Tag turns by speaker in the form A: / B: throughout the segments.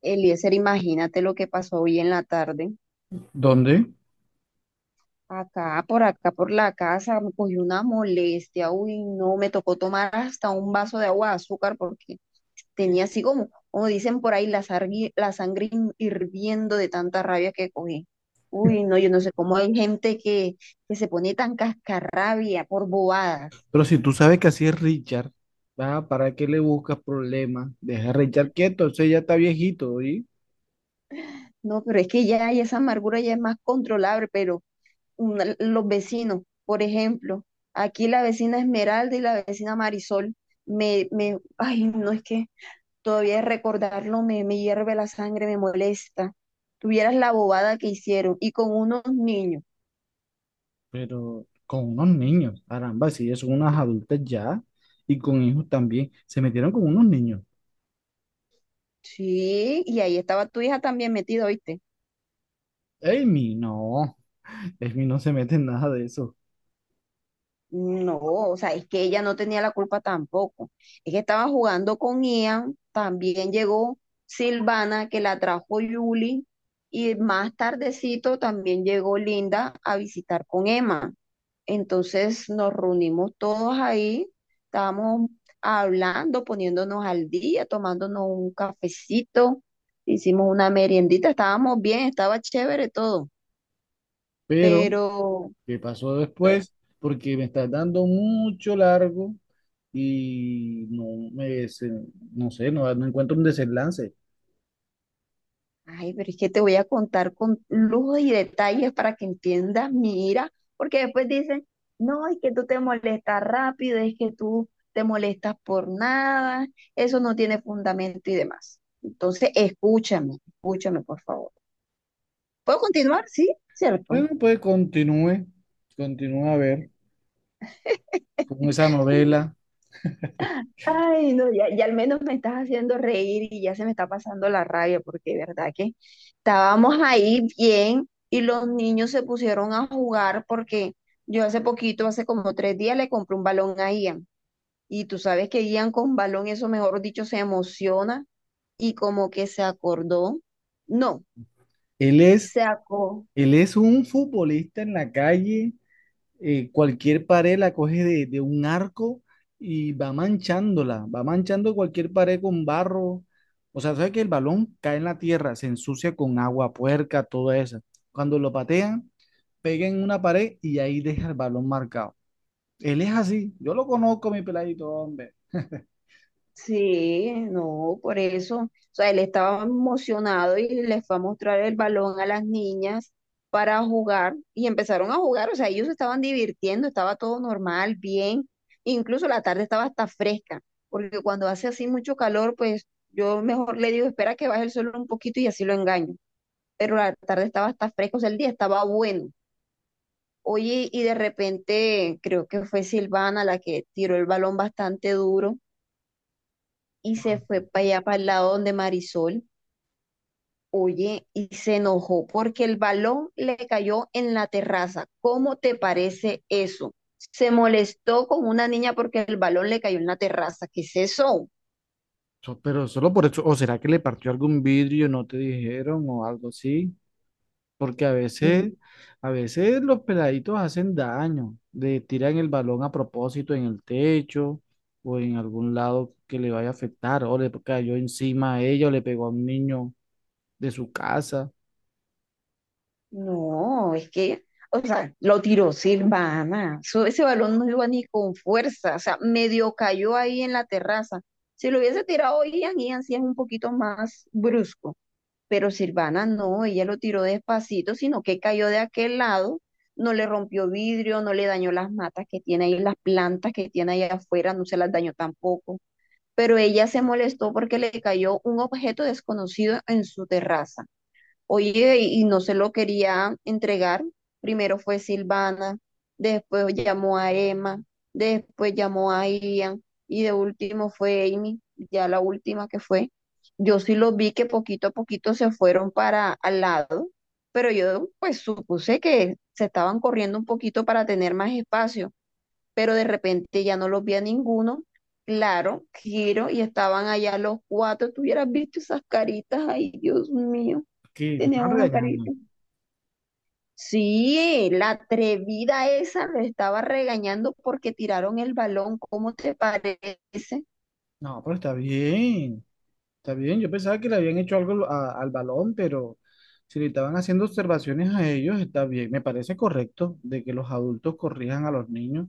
A: Eliezer, imagínate lo que pasó hoy en la tarde.
B: ¿Dónde?
A: Acá, por acá, por la casa, me cogió una molestia. Uy, no, me tocó tomar hasta un vaso de agua de azúcar porque tenía así como, como dicen por ahí, la sangre hirviendo de tanta rabia que cogí. Uy, no, yo no sé cómo hay gente que se pone tan cascarrabia por bobadas.
B: Pero si tú sabes que así es Richard, ah, ¿para qué le buscas problemas? Deja a Richard quieto, ese ya está viejito, ¿sí?
A: No, pero es que ya, ya esa amargura ya es más controlable, pero los vecinos. Por ejemplo, aquí la vecina Esmeralda y la vecina Marisol, ay, no es que todavía recordarlo me hierve la sangre, me molesta. Tuvieras la bobada que hicieron y con unos niños.
B: Pero con unos niños, caramba, si ya son unas adultas ya, y con hijos también, se metieron con unos niños.
A: Sí, y ahí estaba tu hija también metida, ¿oíste?
B: Amy, no, Amy no se mete en nada de eso.
A: No, o sea, es que ella no tenía la culpa tampoco. Es que estaba jugando con Ian, también llegó Silvana, que la trajo Julie, y más tardecito también llegó Linda a visitar con Emma. Entonces nos reunimos todos ahí, estábamos hablando, poniéndonos al día, tomándonos un cafecito, hicimos una meriendita, estábamos bien, estaba chévere todo,
B: Pero,
A: pero...
B: ¿qué pasó después? Porque me estás dando mucho largo y no sé, no, no encuentro un desenlace.
A: Ay, pero es que te voy a contar con lujo y detalles para que entiendas mi ira, porque después dicen, no, es que tú te molestas rápido, es que tú te molestas por nada, eso no tiene fundamento y demás. Entonces, escúchame, escúchame, por favor. ¿Puedo continuar? Sí, cierto.
B: Bueno, pues continúe, continúa a ver con esa novela.
A: Ay, no, ya, ya al menos me estás haciendo reír y ya se me está pasando la rabia, porque de verdad que estábamos ahí bien y los niños se pusieron a jugar porque yo hace poquito, hace como 3 días, le compré un balón a Ian. Y tú sabes que Ian con balón, eso mejor dicho, se emociona y como que se acordó. No,
B: Él es,
A: se acordó.
B: él es un futbolista en la calle, cualquier pared la coge de un arco y va manchándola, va manchando cualquier pared con barro. O sea, sabe que el balón cae en la tierra, se ensucia con agua puerca, todo eso. Cuando lo patean, pega en una pared y ahí deja el balón marcado. Él es así, yo lo conozco, mi peladito, hombre.
A: Sí, no, por eso. O sea, él estaba emocionado y les fue a mostrar el balón a las niñas para jugar y empezaron a jugar. O sea, ellos estaban divirtiendo, estaba todo normal, bien. Incluso la tarde estaba hasta fresca, porque cuando hace así mucho calor, pues yo mejor le digo, espera que baje el sol un poquito y así lo engaño. Pero la tarde estaba hasta fresca, o sea, el día estaba bueno. Oye, y de repente creo que fue Silvana la que tiró el balón bastante duro y se fue para allá, para el lado donde Marisol, oye, y se enojó porque el balón le cayó en la terraza. ¿Cómo te parece eso? Se molestó con una niña porque el balón le cayó en la terraza. ¿Qué es eso?
B: Pero solo por eso, o será que le partió algún vidrio, no te dijeron, o algo así. Porque
A: N-
B: a veces los peladitos hacen daño, le tiran el balón a propósito en el techo o en algún lado que le vaya a afectar, o le cayó encima a ella o le pegó a un niño de su casa.
A: No, es que, o sea, lo tiró Silvana. Ese balón no iba ni con fuerza, o sea, medio cayó ahí en la terraza. Si lo hubiese tirado Ian, Ian sí es un poquito más brusco. Pero Silvana no, ella lo tiró despacito, sino que cayó de aquel lado, no le rompió vidrio, no le dañó las matas que tiene ahí, las plantas que tiene ahí afuera, no se las dañó tampoco. Pero ella se molestó porque le cayó un objeto desconocido en su terraza. Oye, y no se lo quería entregar. Primero fue Silvana, después llamó a Emma, después llamó a Ian y de último fue Amy, ya la última que fue. Yo sí los vi que poquito a poquito se fueron para al lado, pero yo pues supuse que se estaban corriendo un poquito para tener más espacio, pero de repente ya no los vi a ninguno. Claro, giro y estaban allá los cuatro. Tú hubieras visto esas caritas, ay, Dios mío.
B: ¿Qué? ¿Lo
A: Tenía
B: están
A: una
B: regañando?
A: carita. Sí, la atrevida esa lo estaba regañando porque tiraron el balón. ¿Cómo te parece?
B: No, pero está bien, está bien. Yo pensaba que le habían hecho algo al balón, pero si le estaban haciendo observaciones a ellos, está bien. Me parece correcto de que los adultos corrijan a los niños,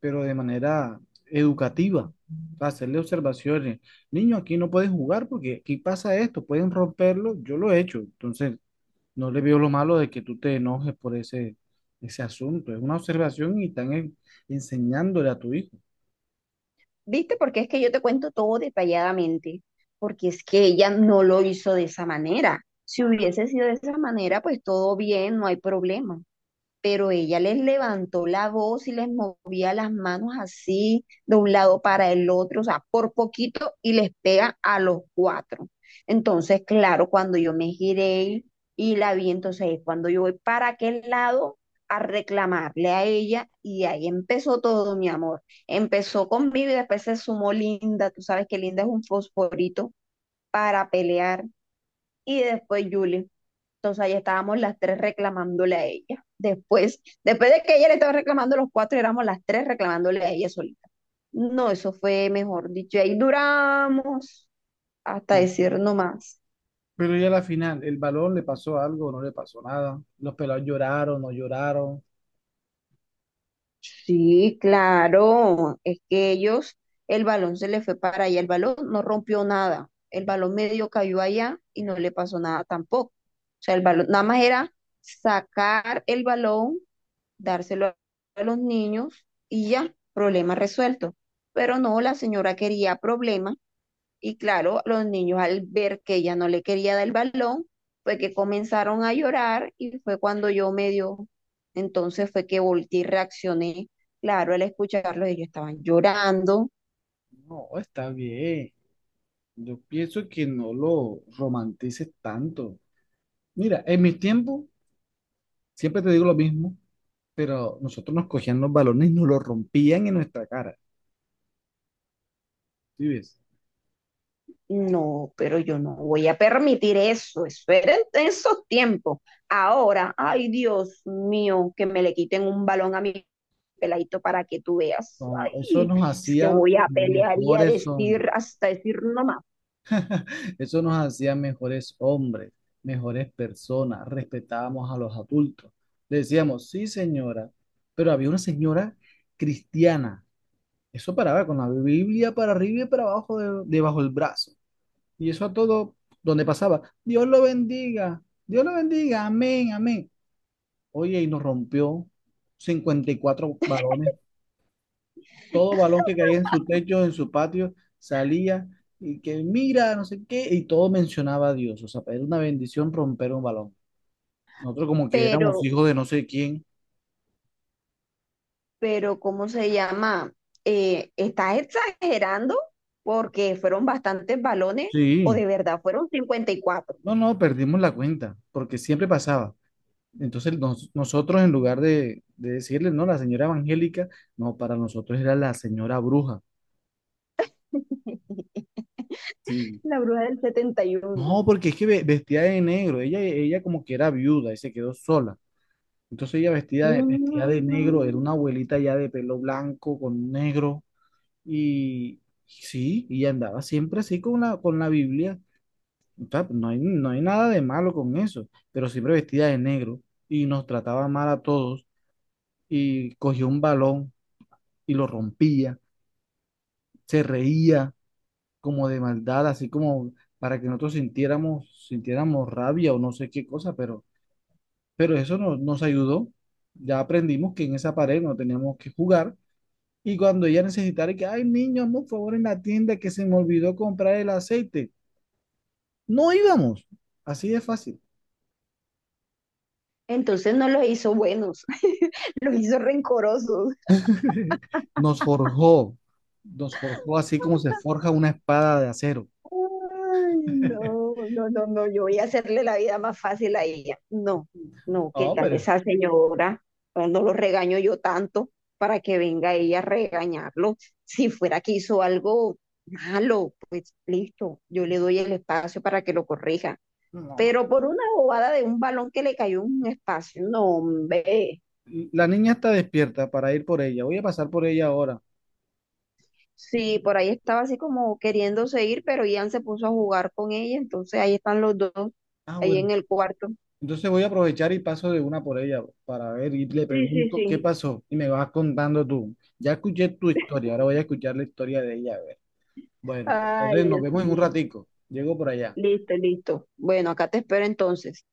B: pero de manera educativa. O sea, hacerle observaciones. Niño, aquí no puedes jugar porque aquí pasa esto, pueden romperlo, yo lo he hecho. Entonces, no le veo lo malo de que tú te enojes por ese, ese asunto. Es una observación y están enseñándole a tu hijo.
A: ¿Viste? Porque es que yo te cuento todo detalladamente. Porque es que ella no lo hizo de esa manera. Si hubiese sido de esa manera, pues todo bien, no hay problema. Pero ella les levantó la voz y les movía las manos así de un lado para el otro, o sea, por poquito y les pega a los cuatro. Entonces, claro, cuando yo me giré y, la vi, entonces es cuando yo voy para aquel lado a reclamarle a ella y ahí empezó todo, mi amor. Empezó conmigo y después se sumó Linda, tú sabes que Linda es un fosforito para pelear y después Julie. Entonces ahí estábamos las tres reclamándole a ella. Después, después de que ella le estaba reclamando los cuatro, éramos las tres reclamándole a ella solita. No, eso fue mejor dicho. Ahí duramos hasta
B: Sí.
A: decir no más.
B: Pero ya a la final, el balón le pasó algo, no le pasó nada. Los pelados lloraron.
A: Sí, claro, es que ellos, el balón se le fue para allá, el balón no rompió nada, el balón medio cayó allá y no le pasó nada tampoco. O sea, el balón, nada más era sacar el balón dárselo a los niños y ya, problema resuelto. Pero no, la señora quería problema y claro, los niños al ver que ella no le quería dar el balón, fue que comenzaron a llorar y fue cuando yo medio, entonces fue que volteé y reaccioné. Claro, al escucharlos ellos estaban llorando.
B: No, está bien. Yo pienso que no lo romantices tanto. Mira, en mi tiempo siempre te digo lo mismo, pero nosotros nos cogían los balones y nos los rompían en nuestra cara. ¿Sí ves?
A: No, pero yo no voy a permitir eso. Eso era en esos tiempos. Ahora, ay Dios mío, que me le quiten un balón a mi peladito para que tú veas.
B: No, no, eso
A: Ay,
B: nos
A: es que
B: hacía
A: voy a pelear y a
B: mejores hombres.
A: decir hasta decir no más.
B: Eso nos hacía mejores hombres, mejores personas. Respetábamos a los adultos. Le decíamos, sí, señora, pero había una señora cristiana. Eso paraba con la Biblia para arriba y para abajo, debajo del brazo. Y eso a todo donde pasaba. Dios lo bendiga, amén, amén. Oye, y nos rompió 54 balones. Todo balón que caía en su techo, en su patio, salía y que mira, no sé qué, y todo mencionaba a Dios. O sea, era una bendición romper un balón. Nosotros como que éramos
A: Pero,
B: hijos de no sé quién.
A: pero, ¿cómo se llama? ¿Estás exagerando? Porque fueron bastantes balones o de
B: Sí,
A: verdad fueron 54.
B: no, no, perdimos la cuenta, porque siempre pasaba. Entonces nosotros en lugar de, decirle, no, la señora evangélica, no, para nosotros era la señora bruja. Sí.
A: La bruja del 71.
B: No, porque es que vestía de negro. Ella como que era viuda y se quedó sola. Entonces ella vestida de negro, era
A: Mm.
B: una abuelita ya de pelo blanco con negro y sí, y andaba siempre así con la Biblia. O sea, no hay, no hay nada de malo con eso, pero siempre vestida de negro y nos trataba mal a todos y cogía un balón y lo rompía, se reía como de maldad, así como para que nosotros sintiéramos, sintiéramos rabia o no sé qué cosa, pero eso nos ayudó. Ya aprendimos que en esa pared no teníamos que jugar. Y cuando ella necesitara que, ay, niño, hazme un favor en la tienda que se me olvidó comprar el aceite. No íbamos. Así de fácil.
A: Entonces no los hizo buenos, los hizo rencorosos.
B: Nos forjó. Nos forjó así como se forja una espada de acero.
A: Ay, no, no, no, no, yo voy a hacerle la vida más fácil a ella. No, no, ¿qué
B: No,
A: tal
B: pero.
A: esa señora? No no lo regaño yo tanto para que venga ella a regañarlo. Si fuera que hizo algo malo, pues listo, yo le doy el espacio para que lo corrija.
B: No, no.
A: Pero por una bobada de un balón que le cayó en un espacio, no, hombre.
B: La niña está despierta para ir por ella. Voy a pasar por ella ahora.
A: Sí, por ahí estaba así como queriéndose ir, pero Ian se puso a jugar con ella, entonces ahí están los dos,
B: Ah,
A: ahí
B: bueno.
A: en el cuarto.
B: Entonces voy a aprovechar y paso de una por ella para ver y le
A: Sí, sí,
B: pregunto qué
A: sí.
B: pasó. Y me vas contando tú. Ya escuché tu historia. Ahora voy a escuchar la historia de ella. Bueno, pues
A: Ay,
B: entonces nos
A: Dios
B: vemos en un
A: mío.
B: ratico. Llego por allá.
A: Listo, listo. Bueno, acá te espero entonces.